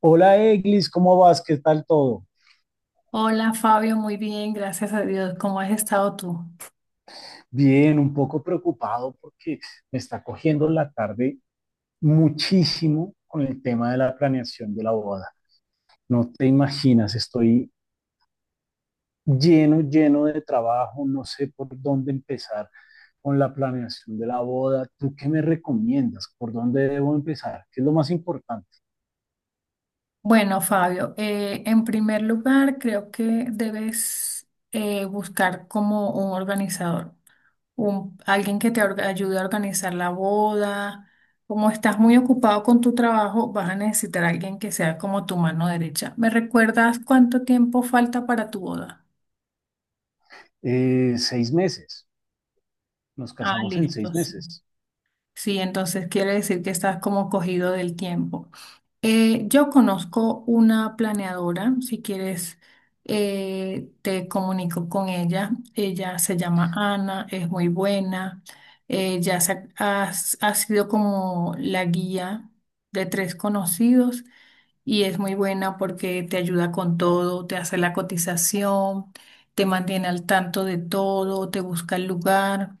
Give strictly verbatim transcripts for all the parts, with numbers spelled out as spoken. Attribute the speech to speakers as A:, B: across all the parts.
A: Hola Eglis, ¿cómo vas? ¿Qué tal todo?
B: Hola Fabio, muy bien, gracias a Dios. ¿Cómo has estado tú?
A: Bien, un poco preocupado porque me está cogiendo la tarde muchísimo con el tema de la planeación de la boda. No te imaginas, estoy lleno, lleno de trabajo, no sé por dónde empezar con la planeación de la boda. ¿Tú qué me recomiendas? ¿Por dónde debo empezar? ¿Qué es lo más importante?
B: Bueno, Fabio, eh, en primer lugar, creo que debes eh, buscar como un organizador, un- alguien que te orga- ayude a organizar la boda. Como estás muy ocupado con tu trabajo, vas a necesitar a alguien que sea como tu mano derecha. ¿Me recuerdas cuánto tiempo falta para tu boda?
A: Eh, seis meses, nos
B: Ah,
A: casamos en
B: listo,
A: seis
B: sí.
A: meses.
B: Sí, entonces quiere decir que estás como cogido del tiempo. Eh, yo conozco una planeadora, si quieres eh, te comunico con ella. Ella se llama Ana, es muy buena. Ella se ha, ha- ha sido como la guía de tres conocidos y es muy buena porque te ayuda con todo, te hace la cotización, te mantiene al tanto de todo, te busca el lugar.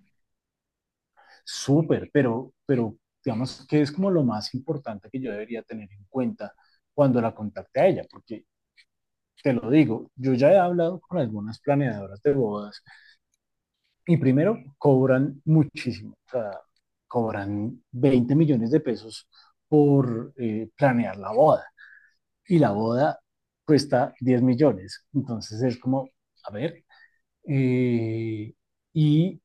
A: Súper, pero, pero digamos que es como lo más importante que yo debería tener en cuenta cuando la contacte a ella, porque te lo digo, yo ya he hablado con algunas planeadoras de bodas y primero cobran muchísimo, o sea, cobran veinte millones de pesos por eh, planear la boda y la boda cuesta diez millones, entonces es como, a ver, eh, y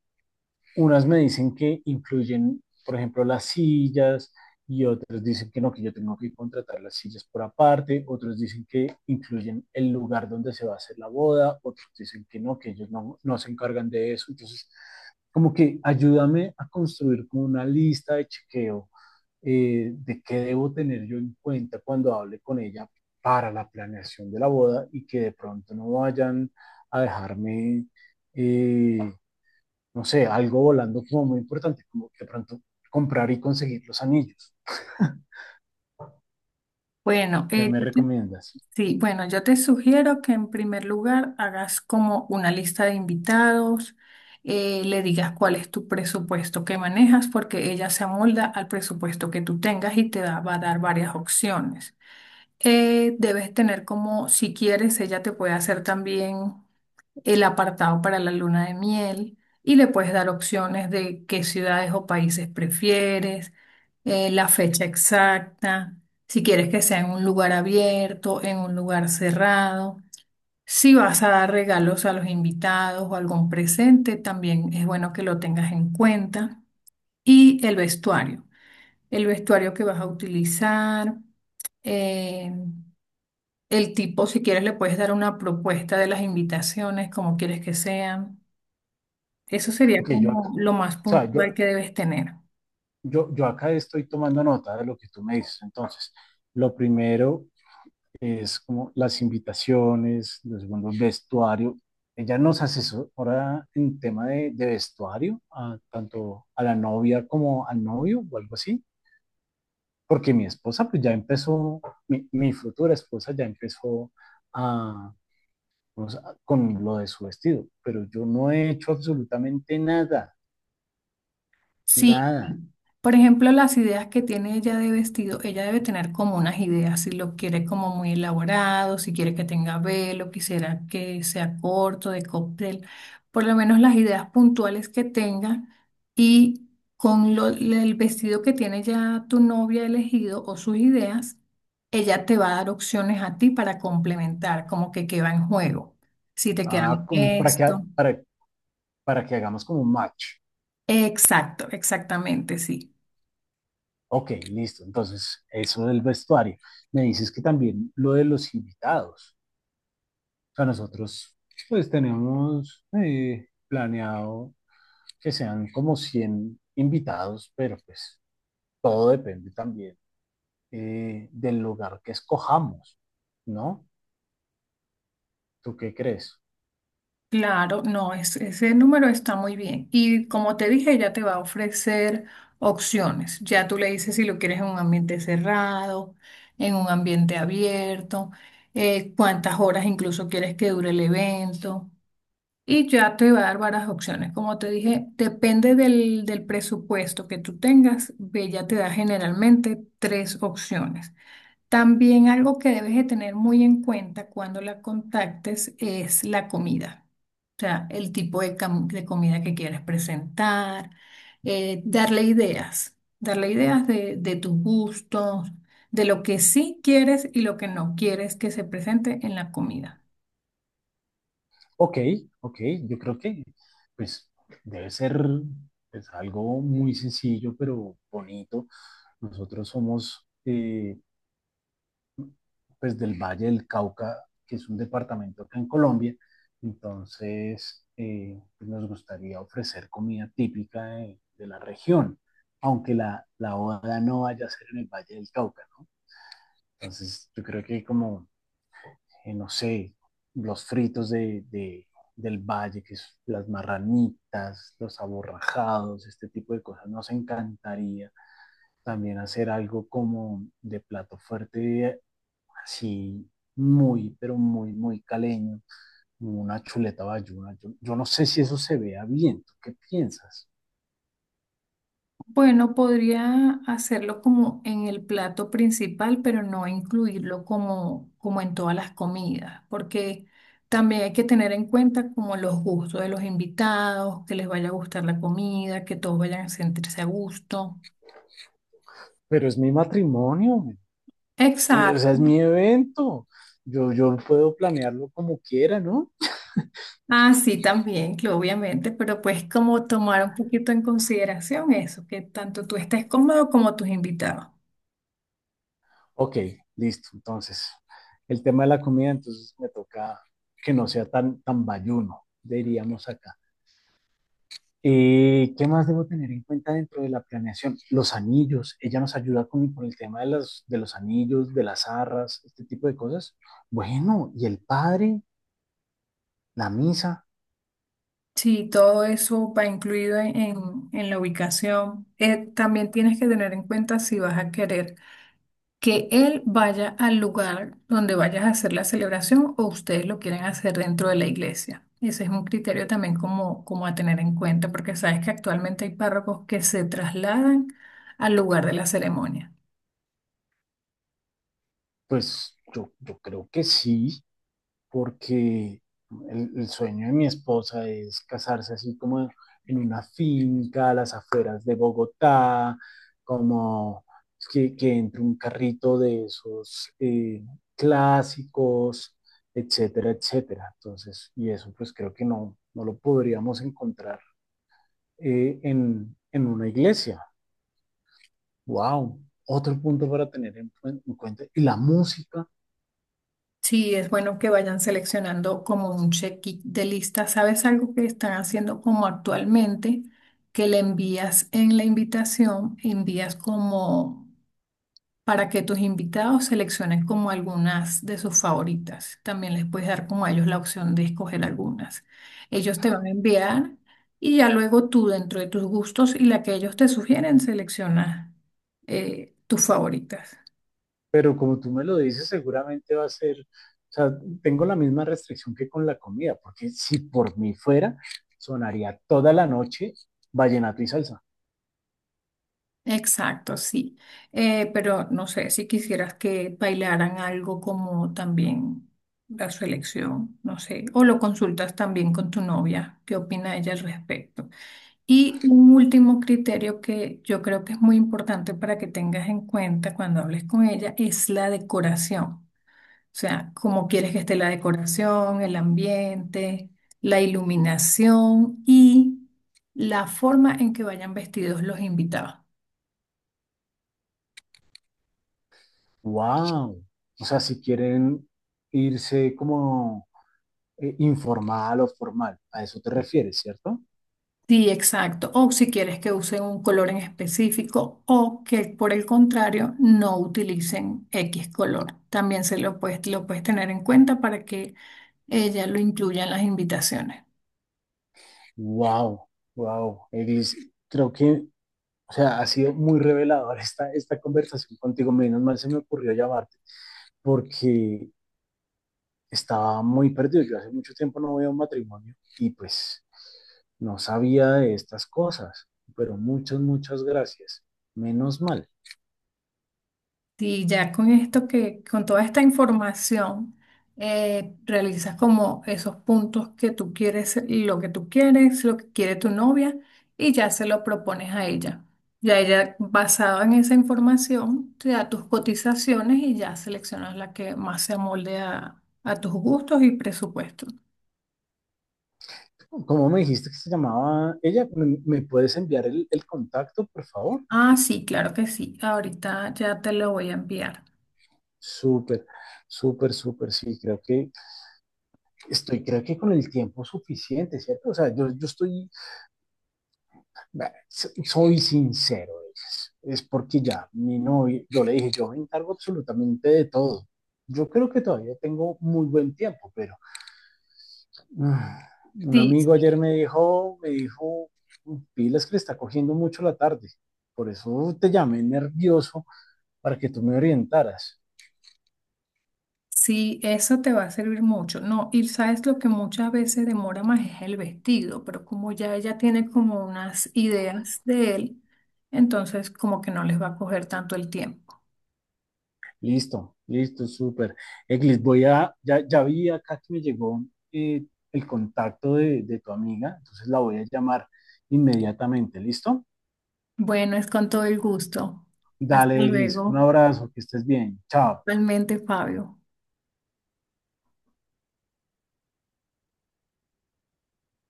A: unas me dicen que incluyen, por ejemplo, las sillas y otros dicen que no, que yo tengo que contratar las sillas por aparte, otros dicen que incluyen el lugar donde se va a hacer la boda, otros dicen que no, que ellos no, no se encargan de eso. Entonces, como que ayúdame a construir como una lista de chequeo eh, de qué debo tener yo en cuenta cuando hable con ella para la planeación de la boda y que de pronto no vayan a dejarme eh, no sé, algo volando como muy importante, como de pronto comprar y conseguir los anillos.
B: Bueno,
A: ¿Qué
B: eh,
A: me
B: yo te
A: recomiendas?
B: sí, bueno, yo te sugiero que en primer lugar hagas como una lista de invitados, eh, le digas cuál es tu presupuesto que manejas, porque ella se amolda al presupuesto que tú tengas y te da- va a dar varias opciones. Eh, debes tener como, si quieres, ella te puede hacer también el apartado para la luna de miel y le puedes dar opciones de qué ciudades o países prefieres, eh, la fecha exacta, si quieres que sea en un lugar abierto, en un lugar cerrado. Si vas a dar regalos a los invitados o algún presente, también es bueno que lo tengas en cuenta. Y el vestuario, el vestuario que vas a utilizar. Eh, el tipo, si quieres, le puedes dar una propuesta de las invitaciones, como quieres que sean. Eso sería
A: Ok, yo acá,
B: como
A: o
B: lo más
A: sea, yo,
B: puntual que debes tener.
A: yo, yo acá estoy tomando nota de lo que tú me dices. Entonces, lo primero es como las invitaciones, los segundo, el vestuario. Ella nos asesora en tema de, de vestuario, a- tanto a la novia como al novio o algo así, porque mi esposa pues ya empezó, mi, mi futura esposa ya empezó a, o sea, con lo de su vestido, pero yo no he hecho absolutamente nada,
B: Sí,
A: nada.
B: Por ejemplo, las ideas que tiene ella de vestido, ella debe tener como unas ideas, si lo quiere como muy elaborado, si quiere que tenga velo, quisiera que sea corto, de cóctel, por lo menos las ideas puntuales que tenga y con lo- el vestido que tiene ya tu novia elegido o sus ideas, ella te va a dar opciones a ti para complementar, como que qué va en juego, si te queda
A: Ah,
B: bien
A: como para que,
B: esto.
A: ha- para, para que hagamos como un match.
B: Exacto, exactamente, sí.
A: Ok, listo. Entonces, eso del vestuario. Me dices que también lo de los invitados. O sea, nosotros pues tenemos eh, planeado que sean como cien invitados, pero pues todo depende también eh, del lugar que escojamos, ¿no? ¿Tú qué crees?
B: Claro, no, es- ese número está muy bien. Y como te dije, ya te va a ofrecer opciones. Ya tú le dices si lo quieres en un ambiente cerrado, en un ambiente abierto, eh, cuántas horas incluso quieres que dure el evento. Y ya te va a dar varias opciones. Como te dije, depende del, del presupuesto que tú tengas. Ella te da generalmente tres opciones. También algo que debes de tener muy en cuenta cuando la contactes es la comida. O sea, el tipo de, cam- de comida que quieres presentar, eh, darle ideas, darle ideas de, de tus gustos, de lo que sí quieres y lo que no quieres que se presente en la comida.
A: Ok, ok, yo creo que pues debe ser, pues, algo muy sencillo pero bonito. Nosotros somos, eh, pues, del Valle del Cauca, que es un departamento acá en Colombia, entonces, eh, pues, nos gustaría ofrecer comida típica de, de la región, aunque la, la boda no vaya a ser en el Valle del Cauca, ¿no? Entonces yo creo que como eh, no sé, los fritos de, de, del valle, que es las marranitas, los aborrajados, este tipo de cosas. Nos encantaría también hacer algo como de plato fuerte, así muy, pero muy, muy caleño, una chuleta bayuna. Yo, yo no sé si eso se vea bien, ¿tú qué piensas?
B: Bueno, podría hacerlo como en el plato principal, pero no incluirlo como, como en todas las comidas, porque también hay que tener en cuenta como los gustos de los invitados, que les vaya a gustar la comida, que todos vayan a sentirse a gusto.
A: Pero es mi matrimonio, eh, o sea, es
B: Exacto.
A: mi evento. Yo, yo puedo planearlo como quiera, ¿no?
B: Ah, sí, también, que obviamente, pero pues como tomar un poquito en consideración eso, que tanto tú estés cómodo como tus invitados.
A: Ok, listo. Entonces, el tema de la comida, entonces me toca que no sea tan, tan bayuno, diríamos acá. Eh, ¿qué más debo tener en cuenta dentro de la planeación? Los anillos, ella nos ayuda con, con el tema de, las, de los anillos, de las arras, este tipo de cosas. Bueno, y el padre, la misa,
B: Sí, todo eso va incluido en, en- en la ubicación. Eh, también tienes que tener en cuenta si vas a querer que él vaya al lugar donde vayas a hacer la celebración o ustedes lo quieren hacer dentro de la iglesia. Ese es un criterio también como, como a tener en cuenta, porque sabes que actualmente hay párrocos que se trasladan al lugar de la ceremonia.
A: pues yo, yo creo que sí, porque el, el sueño de mi esposa es casarse así como en una finca a las afueras de Bogotá, como que, que entre un carrito de esos, eh, clásicos, etcétera, etcétera. Entonces, y eso pues creo que no, no lo podríamos encontrar eh, en, en una iglesia. ¡Wow! Otro punto para tener en, en cuenta. Y la música.
B: Sí, es bueno que vayan seleccionando como un check de lista. ¿Sabes algo que están haciendo como actualmente? Que le envías en la invitación, envías como para que tus invitados seleccionen como algunas de sus favoritas. También les puedes dar como a ellos la opción de escoger algunas. Ellos te van a enviar y ya luego tú dentro de tus gustos y la que ellos te sugieren, selecciona eh, tus favoritas.
A: Pero como tú me lo dices, seguramente va a ser, o sea, tengo la misma restricción que con la comida, porque si por mí fuera, sonaría toda la noche vallenato y salsa.
B: Exacto, sí. Eh, pero no sé si quisieras que bailaran algo como también la su elección, no sé, o lo consultas también con tu novia, qué opina ella al respecto. Y un último criterio que yo creo que es muy importante para que tengas en cuenta cuando hables con ella es la decoración. O sea, cómo quieres que esté la decoración, el ambiente, la iluminación y la forma en que vayan vestidos los invitados.
A: ¡Wow! O sea, si quieren irse como eh, informal o formal, a eso te refieres, ¿cierto?
B: Sí, exacto. O si quieres que usen un color en específico o que por el contrario no utilicen X color. También se lo puedes, lo puedes tener en cuenta para que ella lo incluya en las invitaciones.
A: ¡Wow! ¡Wow! Eglis, creo que, o sea, ha sido muy revelador esta, esta conversación contigo. Menos mal se me ocurrió llamarte, porque estaba muy perdido. Yo hace mucho tiempo no voy a un matrimonio y pues no sabía de estas cosas, pero muchas, muchas gracias. Menos mal.
B: Sí, ya con esto que, con toda esta información, eh, realizas como esos puntos que tú quieres, lo que tú quieres, lo que quiere tu novia, y ya se lo propones a ella. Ya ella, basado en esa información, te da tus cotizaciones y ya seleccionas la que más se amolde a, a tus gustos y presupuestos.
A: ¿Cómo me dijiste que se llamaba ella? ¿Me, me puedes enviar el, el contacto, por favor?
B: Ah, sí, claro que sí. Ahorita ya te lo voy a enviar.
A: Súper, súper, súper, sí, creo que estoy, creo que con el tiempo suficiente, ¿cierto? O sea, yo, yo estoy. Vea, so- soy sincero, es, es porque ya, mi novio, yo le dije, yo me encargo absolutamente de todo. Yo creo que todavía tengo muy buen tiempo, pero ah, un
B: Sí,
A: amigo
B: sí.
A: ayer me dijo, me dijo, pilas que le está cogiendo mucho la tarde. Por eso te llamé nervioso para que tú me orientaras.
B: Sí, eso te va a servir mucho. No, y sabes lo que muchas veces demora más es el vestido, pero como ya ella tiene como unas ideas de él, entonces como que no les va a coger tanto el tiempo.
A: Listo, listo, súper. Eglis, voy a, ya, ya vi acá que me llegó eh, el contacto de, de tu amiga, entonces la voy a llamar inmediatamente, ¿listo?
B: Bueno, es con todo el gusto. Hasta
A: Dale, Glis. Un
B: luego.
A: abrazo, que estés bien. Chao.
B: Realmente, Fabio.